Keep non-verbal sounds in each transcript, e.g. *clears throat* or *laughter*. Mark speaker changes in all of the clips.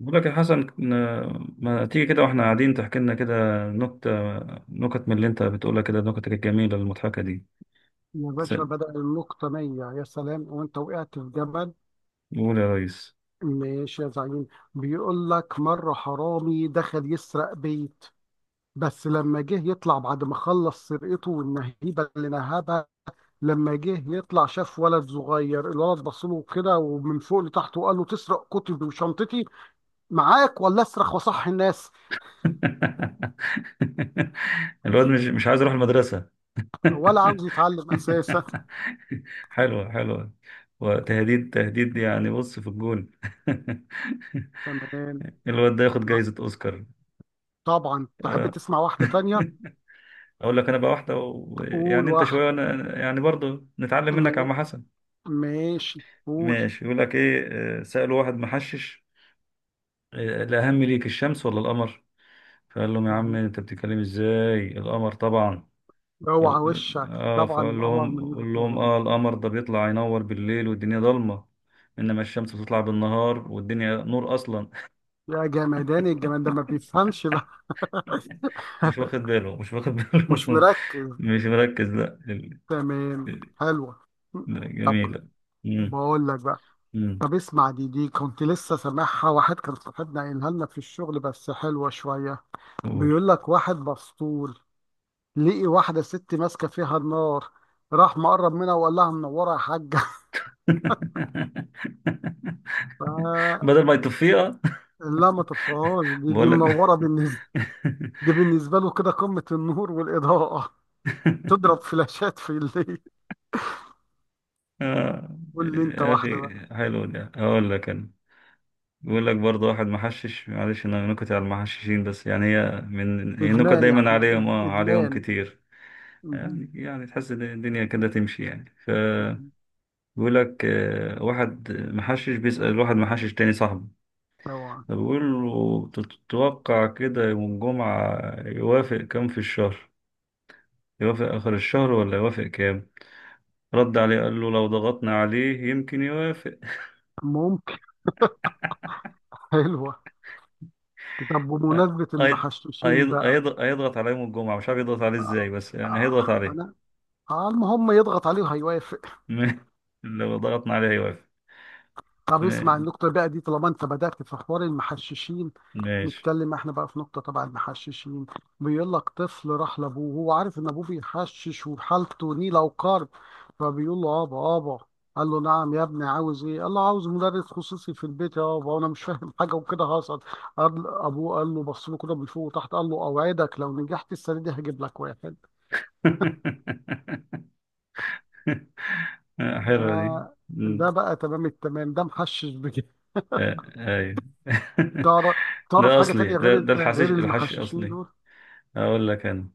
Speaker 1: بقول لك يا حسن، ما تيجي كده واحنا قاعدين تحكي لنا كده نكتة، نكت من اللي انت بتقولها كده، نكتك الجميلة المضحكة دي.
Speaker 2: يا
Speaker 1: س-
Speaker 2: باشا بدأ النقطة مية يا سلام وانت وقعت في جبل.
Speaker 1: قول يا ريس.
Speaker 2: ماشي يا زعيم. بيقول لك مرة حرامي دخل يسرق بيت، بس لما جه يطلع بعد ما خلص سرقته والنهيبة اللي نهبها، لما جه يطلع شاف ولد صغير. الولد بصله كده ومن فوق لتحت وقال له تسرق كتبي وشنطتي معاك ولا اصرخ وصح الناس؟
Speaker 1: *laughs* الواد مش عايز يروح المدرسة.
Speaker 2: ولا عاوز
Speaker 1: *laughs*
Speaker 2: يتعلم أساسا.
Speaker 1: حلوة حلوة، وتهديد تهديد، يعني بص في الجون. *laughs*
Speaker 2: تمام.
Speaker 1: الواد ده ياخد
Speaker 2: مع-
Speaker 1: جايزة أوسكار.
Speaker 2: طبعا تحب
Speaker 1: آه.
Speaker 2: تسمع واحدة تانية؟
Speaker 1: *laughs* أقول لك أنا بقى واحدة
Speaker 2: قول
Speaker 1: يعني أنت شوية
Speaker 2: واحدة.
Speaker 1: وأنا يعني برضه نتعلم منك يا
Speaker 2: ما-
Speaker 1: عم حسن.
Speaker 2: ماشي قول.
Speaker 1: ماشي، يقول لك ايه؟ آه، سأله واحد محشش، آه، الأهم ليك الشمس ولا القمر؟ فقال لهم يا عم انت بتتكلم ازاي؟ القمر طبعا.
Speaker 2: اوعى وشك، طبعا
Speaker 1: فقال
Speaker 2: القمر
Speaker 1: لهم
Speaker 2: من وجهة
Speaker 1: قول لهم
Speaker 2: نظره.
Speaker 1: اه، القمر ده بيطلع ينور بالليل والدنيا ضلمة، انما الشمس بتطلع بالنهار والدنيا نور اصلا.
Speaker 2: يا جمدان الجمال ده ما بيفهمش بقى.
Speaker 1: *laughs* مش واخد
Speaker 2: *laughs*
Speaker 1: باله، مش واخد
Speaker 2: مش
Speaker 1: باله.
Speaker 2: مركز.
Speaker 1: *laughs* مش مركز، لا.
Speaker 2: تمام.
Speaker 1: ال-
Speaker 2: حلوة.
Speaker 1: لا،
Speaker 2: طب
Speaker 1: جميلة. مم،
Speaker 2: بقول لك بقى.
Speaker 1: مم،
Speaker 2: طب اسمع دي كنت لسه سامعها، واحد كان صاحبنا قايلها لنا في الشغل، بس حلوة شوية.
Speaker 1: قول.
Speaker 2: بيقول لك واحد مسطول لقي واحدة ست ماسكة فيها النار، راح مقرب منها وقال لها منورة يا حاجة.
Speaker 1: *laughs*
Speaker 2: *laughs* ف-
Speaker 1: بدل ما يطفيها.
Speaker 2: لا ما تطفيهاش، دي
Speaker 1: بقول لك.
Speaker 2: منورة بالنسبة،
Speaker 1: *laughs*
Speaker 2: دي بالنسبة له كده قمة النور والإضاءة، تضرب فلاشات في الليل.
Speaker 1: آه
Speaker 2: قول لي انت
Speaker 1: يا
Speaker 2: واحده
Speaker 1: أخي.
Speaker 2: بقى.
Speaker 1: حلو، ده هقول لك أنا. بيقول لك برضه واحد محشش، معلش أنا نكت على المحششين، بس يعني هي من هي النكت
Speaker 2: ادمان يا
Speaker 1: دايما
Speaker 2: احمد،
Speaker 1: عليهم، آه عليهم
Speaker 2: ادمان.
Speaker 1: كتير.
Speaker 2: مهم.
Speaker 1: يعني تحس إن الدنيا كده تمشي يعني،
Speaker 2: مهم.
Speaker 1: فبيقول لك آه، واحد محشش بيسأل واحد محشش تاني صاحبه،
Speaker 2: طبعا.
Speaker 1: فبيقول له تتوقع كده يوم الجمعة يوافق كام في الشهر؟ يوافق آخر الشهر ولا يوافق كام؟ رد عليه قال له لو ضغطنا عليه يمكن يوافق.
Speaker 2: ممكن. حلوه. طب
Speaker 1: هي-
Speaker 2: بمناسبه المحشوشين
Speaker 1: هيض-
Speaker 2: بقى.
Speaker 1: هيضغط عليه يوم الجمعة، مش عارف يضغط عليه ازاي،
Speaker 2: آه،
Speaker 1: بس يعني
Speaker 2: آه،
Speaker 1: هيضغط عليه.
Speaker 2: انا على ما هم يضغط عليه وهيوافق.
Speaker 1: *laughs* لو ضغطنا عليه هيوافق.
Speaker 2: طب اسمع
Speaker 1: م-
Speaker 2: النقطة بقى دي طالما انت بدأت في حوار المحششين.
Speaker 1: ماشي.
Speaker 2: نتكلم احنا بقى في نقطة تبع المحششين. بيقول لك طفل راح لابوه وهو عارف ان ابوه بيحشش وحالته نيلة وقرب، فبيقول له ابا ابا. قال له نعم يا ابني عاوز ايه؟ قال له عاوز مدرس خصوصي في البيت يا ابا وانا مش فاهم *laughs* حاجة وكده هصل. قال ابوه، قال له بص له كده من فوق وتحت، قال له اوعدك لو نجحت السنة دي هجيب لك واحد.
Speaker 1: *laughs* حلوة دي.
Speaker 2: آه.
Speaker 1: مم.
Speaker 2: ده بقى تمام التمام، ده محشش بجد.
Speaker 1: آه، ايوه. *laughs*
Speaker 2: تعرف؟
Speaker 1: ده
Speaker 2: حاجة
Speaker 1: اصلي،
Speaker 2: تانية
Speaker 1: ده
Speaker 2: غير
Speaker 1: ده
Speaker 2: انت،
Speaker 1: الحشيش
Speaker 2: غير
Speaker 1: الحشيش
Speaker 2: المحششين
Speaker 1: اصلي.
Speaker 2: دول؟
Speaker 1: اقول لك انا،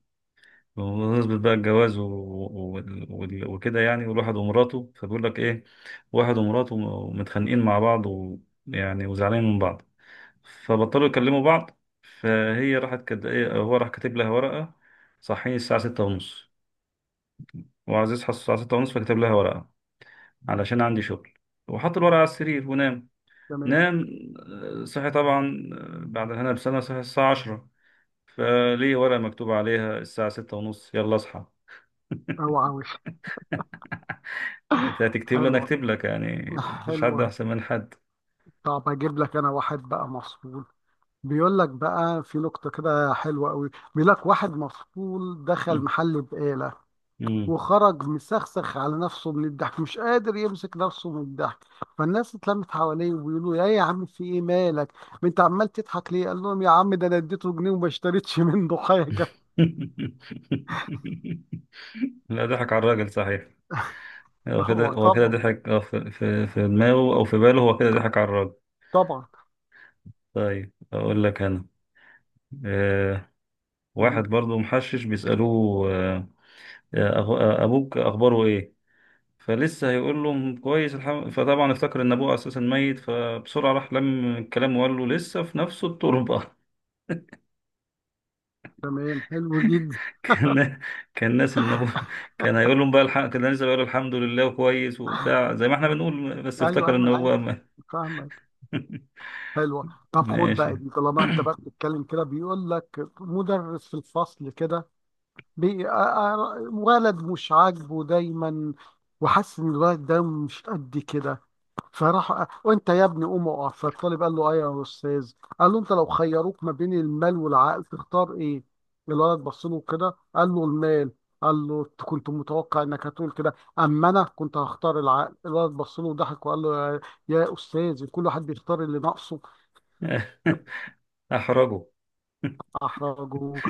Speaker 1: بمناسبة بقى الجواز و... وكده يعني، والواحد ومراته، فبيقول لك ايه، واحد ومراته متخانقين مع بعض، ويعني وزعلانين من بعض، فبطلوا يكلموا بعض، فهي راحت إيه، هو راح كاتب لها ورقة صحيني الساعة 6:30. وعزيز حس الساعة 6:30 فكتب لها ورقة علشان عندي شغل، وحط الورقة على السرير ونام.
Speaker 2: تمام.
Speaker 1: نام. آه، صحي طبعا، آه، بعد هنا بسنة صحي الساعة 10، فليه ورقة مكتوب عليها الساعة 6:30 يلا اصحى.
Speaker 2: او عاوز.
Speaker 1: انت هتكتب لي، انا
Speaker 2: حلوة
Speaker 1: اكتب لك يعني، مفيش حد
Speaker 2: حلوة.
Speaker 1: احسن من حد.
Speaker 2: طب اجيب لك انا واحد بقى مفصول. بيقول لك بقى في نقطة كده حلوة قوي. بيقول لك واحد مفصول دخل محل بقالة،
Speaker 1: *laughs*
Speaker 2: وخرج مسخسخ على نفسه من الضحك، مش قادر يمسك نفسه من الضحك. فالناس اتلمت حواليه وبيقولوا يا عم في ايه مالك؟ ما انت عمال تضحك ليه؟ قال لهم يا عم ده انا اديته جنيه وما اشتريتش منه حاجة.
Speaker 1: لا، ضحك على الراجل صحيح.
Speaker 2: *laughs*
Speaker 1: هو كده،
Speaker 2: هو
Speaker 1: هو كده
Speaker 2: طبعا.
Speaker 1: ضحك، آه، في دماغه او في باله، هو كده ضحك على الراجل.
Speaker 2: طبعا.
Speaker 1: طيب اقول لك انا، آه، واحد
Speaker 2: قول.
Speaker 1: برضو محشش بيسالوه آه، آه، ابوك اخباره ايه؟ فلسه هيقول له كويس الحمد، فطبعا افتكر ان ابوه اساسا ميت، فبسرعه راح لم الكلام وقال له لسه في نفس التربه. *laughs*
Speaker 2: تمام، حلو جدا.
Speaker 1: كان، كان ناس ان ابوه، كان هيقول لهم بقى الحق، كان لسه بيقول الحمد لله وكويس وبتاع زي ما احنا بنقول، بس
Speaker 2: ايوه
Speaker 1: افتكر ان
Speaker 2: ايمن، عارف،
Speaker 1: هو
Speaker 2: فاهمك.
Speaker 1: *laughs*
Speaker 2: حلوه. طب خد بقى
Speaker 1: ماشي.
Speaker 2: دي طالما انت بقى بتتكلم كده. بيقول لك مدرس في الفصل كده ولد مش عاجبه دايما، وحاسس ان الولد ده مش قد كده. فراح، وانت يا ابني قوم اقف. فالطالب قال له ايه يا استاذ؟ قال له انت لو خيروك ما بين المال والعقل تختار ايه؟ الولد بص له كده قال له المال. قال له أنت كنت متوقع انك هتقول كده، اما انا كنت هختار العقل. الولد بص له وضحك وقال له يا استاذ، كل واحد بيختار اللي ناقصه.
Speaker 1: *laughs* احرجه.
Speaker 2: احرجه.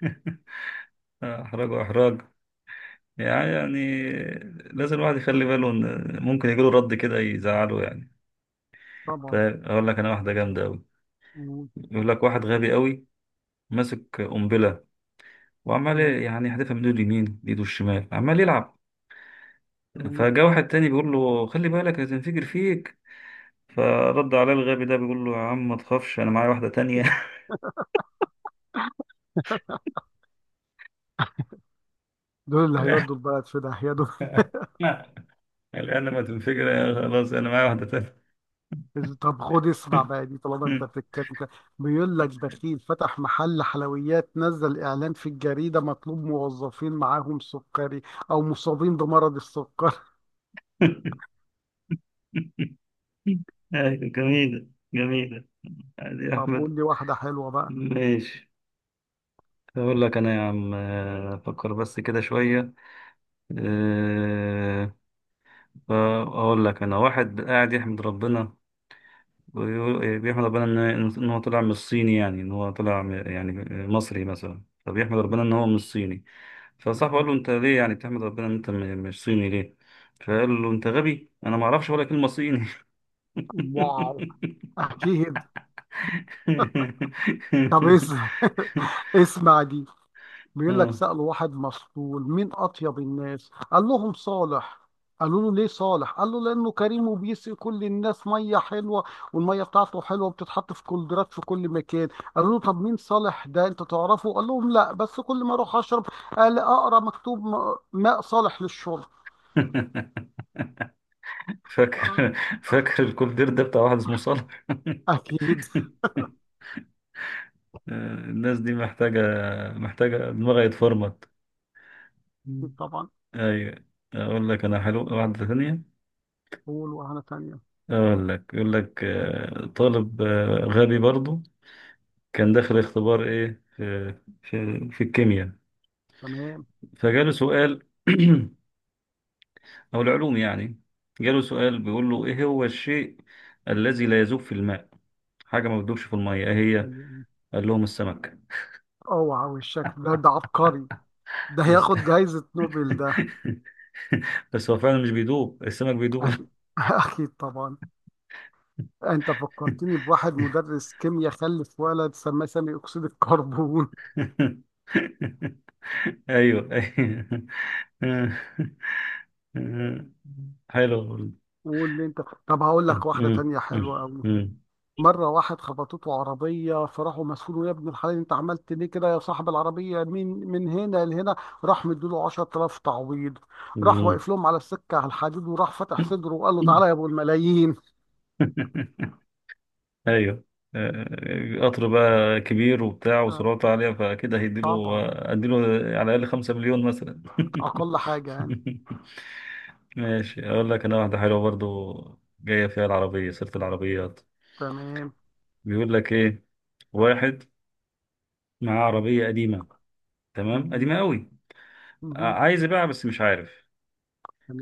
Speaker 1: *laughs* احراج واحراج، يعني لازم الواحد يخلي باله ان ممكن يجيله رد كده يزعله يعني.
Speaker 2: طبعا.
Speaker 1: فاقول لك انا واحده جامده قوي،
Speaker 2: مم.
Speaker 1: يقول لك واحد غبي قوي ماسك قنبله، وعمال
Speaker 2: مم.
Speaker 1: يعني يحدفها من ايده اليمين بايده الشمال، عمال يلعب.
Speaker 2: تمام.
Speaker 1: فجاء واحد تاني بيقول له خلي بالك هتنفجر فيك، فرد عليه الغبي ده بيقول له يا عم ما تخافش انا معايا واحده تانية.
Speaker 2: دول اللي هيودوا البلد في داهيه.
Speaker 1: *laughs* الان ما تنفجر يا خلاص، انا معايا واحده تانية.
Speaker 2: طب خد اسمع بقى دي طالما انت بتتكلم كده. بيقول لك بخيل فتح محل حلويات، نزل اعلان في الجريده مطلوب موظفين معاهم سكري، او مصابين بمرض السكر.
Speaker 1: *laughs* *laughs* أيوة، جميلة. جميلة. عادي
Speaker 2: *laughs*
Speaker 1: يا
Speaker 2: طب
Speaker 1: أحمد.
Speaker 2: قول لي واحده حلوه بقى.
Speaker 1: ماشي، أقول لك أنا يا عم، آه، أفكر بس كده شوية. آه، فأقول لك أنا، واحد قاعد يحمد ربنا، بيحمد ربنا إن، إن هو طلع من الصيني، يعني إن هو طلع يعني مصري مثلا، فبيحمد ربنا إن هو مش صيني. فصاحبه قال له أنت
Speaker 2: *laughs*
Speaker 1: ليه يعني بتحمد ربنا إن أنت مش صيني ليه؟ فقال له أنت غبي، أنا ما أعرفش ولا كلمة صيني.
Speaker 2: واو.
Speaker 1: *laughs*
Speaker 2: اكيد. طب اسمع. *laughs* اسمع دي. بيقول لك
Speaker 1: آه.
Speaker 2: سألوا واحد مسطول مين أطيب الناس؟ قال لهم صالح. قالوا له ليه صالح؟ قال له لأنه كريم وبيسقي كل الناس مية حلوة، والمية بتاعته حلوة وبتتحط في كولدرات في كل مكان. قالوا له طب مين صالح ده، أنت تعرفه؟ قال لهم لا، بس كل ما أروح أشرب قال أقرأ مكتوب ماء صالح للشرب.
Speaker 1: *laughs*
Speaker 2: آه،
Speaker 1: فاكر *laughs* فاكر الكولدير ده بتاع واحد اسمه صالح. *laughs*
Speaker 2: أكيد
Speaker 1: الناس دي محتاجة، محتاجة دماغها يتفرمط.
Speaker 2: طبعا.
Speaker 1: أيوة، أقول لك أنا حلو واحدة ثانية.
Speaker 2: قول وهنا تانية.
Speaker 1: أقول لك، يقول لك آه، طالب آه، غبي برضو، كان داخل اختبار إيه في، في الكيمياء،
Speaker 2: تمام.
Speaker 1: فجاله سؤال، *clears throat* أو العلوم يعني، جاله سؤال بيقول له إيه هو الشيء الذي لا يذوب في الماء؟ حاجة ما بتدوبش في المية إيه هي؟
Speaker 2: حلو.
Speaker 1: قال لهم السمك.
Speaker 2: اوعى، والشكل ده عبقري، ده
Speaker 1: بس
Speaker 2: هياخد جايزة نوبل ده.
Speaker 1: *laughs* *laughs* بس هو فعلا مش بيدوب، السمك بيدوب.
Speaker 2: أكيد.
Speaker 1: *laughs*
Speaker 2: *laughs* أكيد طبعا. انت فكرتني بواحد مدرس كيمياء خلف ولد سماه سامي اكسيد الكربون.
Speaker 1: ايوه ايوه، حلو والله.
Speaker 2: *laughs* واللي انت. طب هقول
Speaker 1: مم.
Speaker 2: لك واحده
Speaker 1: مم.
Speaker 2: تانية حلوه قوي.
Speaker 1: مم.
Speaker 2: مره واحد خبطته عربيه، فراحوا مسؤوله يا ابن الحلال انت عملت ليه كده يا صاحب العربيه، من هنا لهنا؟ راح مديله 10000 تعويض. راح
Speaker 1: مم.
Speaker 2: واقف لهم على السكه، على الحديد، وراح فتح صدره وقال له تعالى يا ابو الملايين.
Speaker 1: *laughs* ايوه، آه، قطر بقى كبير وبتاع
Speaker 2: آه،
Speaker 1: وسرعته عالية، فكده هيديله،
Speaker 2: طبعا.
Speaker 1: اديله على الأقل 5 مليون مثلا. *laughs*
Speaker 2: اقل حاجه يعني.
Speaker 1: ماشي، أقول لك أنا واحدة حلوة برضو، جاية فيها العربية، سيرة العربيات.
Speaker 2: تمام.
Speaker 1: بيقول لك ايه، واحد معاه عربية قديمة، تمام
Speaker 2: مهم.
Speaker 1: قديمة قوي،
Speaker 2: مهم.
Speaker 1: عايز يبيعها بس مش عارف،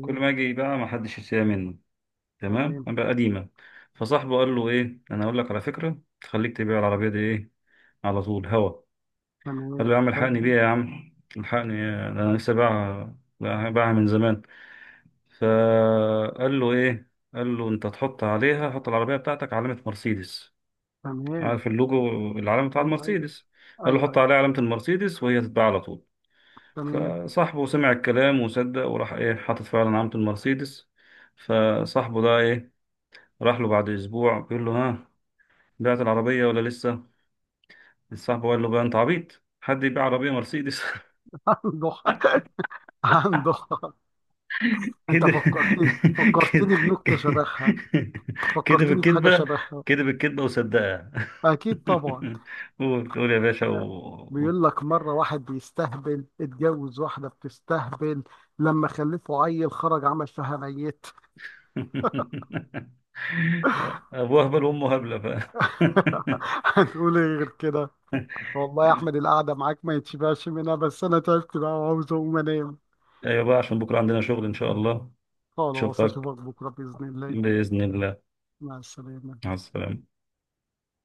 Speaker 1: كل ما اجي يبيعها ما حدش يشتريها منه، تمام،
Speaker 2: تمام.
Speaker 1: بقى قديمة. فصاحبه قال له ايه، انا اقول لك على فكرة تخليك تبيع العربية دي ايه، على طول هوا. قال
Speaker 2: تمام.
Speaker 1: له يا عم
Speaker 2: حلو.
Speaker 1: الحقني بيها، يا عم الحقني، إيه؟ ده انا لسه باعها، باعها من زمان. فقال له ايه، قال له انت تحط عليها، حط العربية بتاعتك علامة مرسيدس،
Speaker 2: تمام.
Speaker 1: عارف، اللوجو، العلم بتاع
Speaker 2: ايوه ايوه.
Speaker 1: المرسيدس. قال له
Speaker 2: ايوه
Speaker 1: حط
Speaker 2: أيوه.
Speaker 1: عليه علامة المرسيدس وهي تتباع على طول.
Speaker 2: تمام.
Speaker 1: فصاحبه سمع الكلام وصدق وراح ايه، حاطط فعلا علامة المرسيدس. فصاحبه ده ايه، راح له بعد اسبوع بيقول له ها، بعت العربية ولا لسه؟ صاحبه قال له بقى انت عبيط، حد يبيع عربية مرسيدس؟ *laughs*
Speaker 2: *laughs* عنده حق. عنده حق. انت
Speaker 1: كده
Speaker 2: فكرتني.
Speaker 1: كده
Speaker 2: بنكتة شبهها.
Speaker 1: كده
Speaker 2: فكرتني بحاجة
Speaker 1: بالكذبة،
Speaker 2: شبهها.
Speaker 1: كده بالكذبة وصدقها.
Speaker 2: اكيد طبعا.
Speaker 1: *laughs* قول قول يا باشا،
Speaker 2: بيقول لك مرة واحد بيستهبل اتجوز واحدة بتستهبل، لما خلفه عيل خرج عمل فيها ميت.
Speaker 1: *laughs* ابو هبل وامه هبله، ف *laughs*
Speaker 2: *laughs* هنقول ايه غير كده؟ والله يا احمد القعدة معاك ما يتشبعش منها، بس انا تعبت بقى وعاوز اقوم انام.
Speaker 1: ايوه بقى، عشان بكره عندنا شغل ان شاء الله.
Speaker 2: خلاص
Speaker 1: اشوفك
Speaker 2: اشوفك بكرة بإذن الله.
Speaker 1: باذن الله.
Speaker 2: مع السلامة.
Speaker 1: مع السلامه.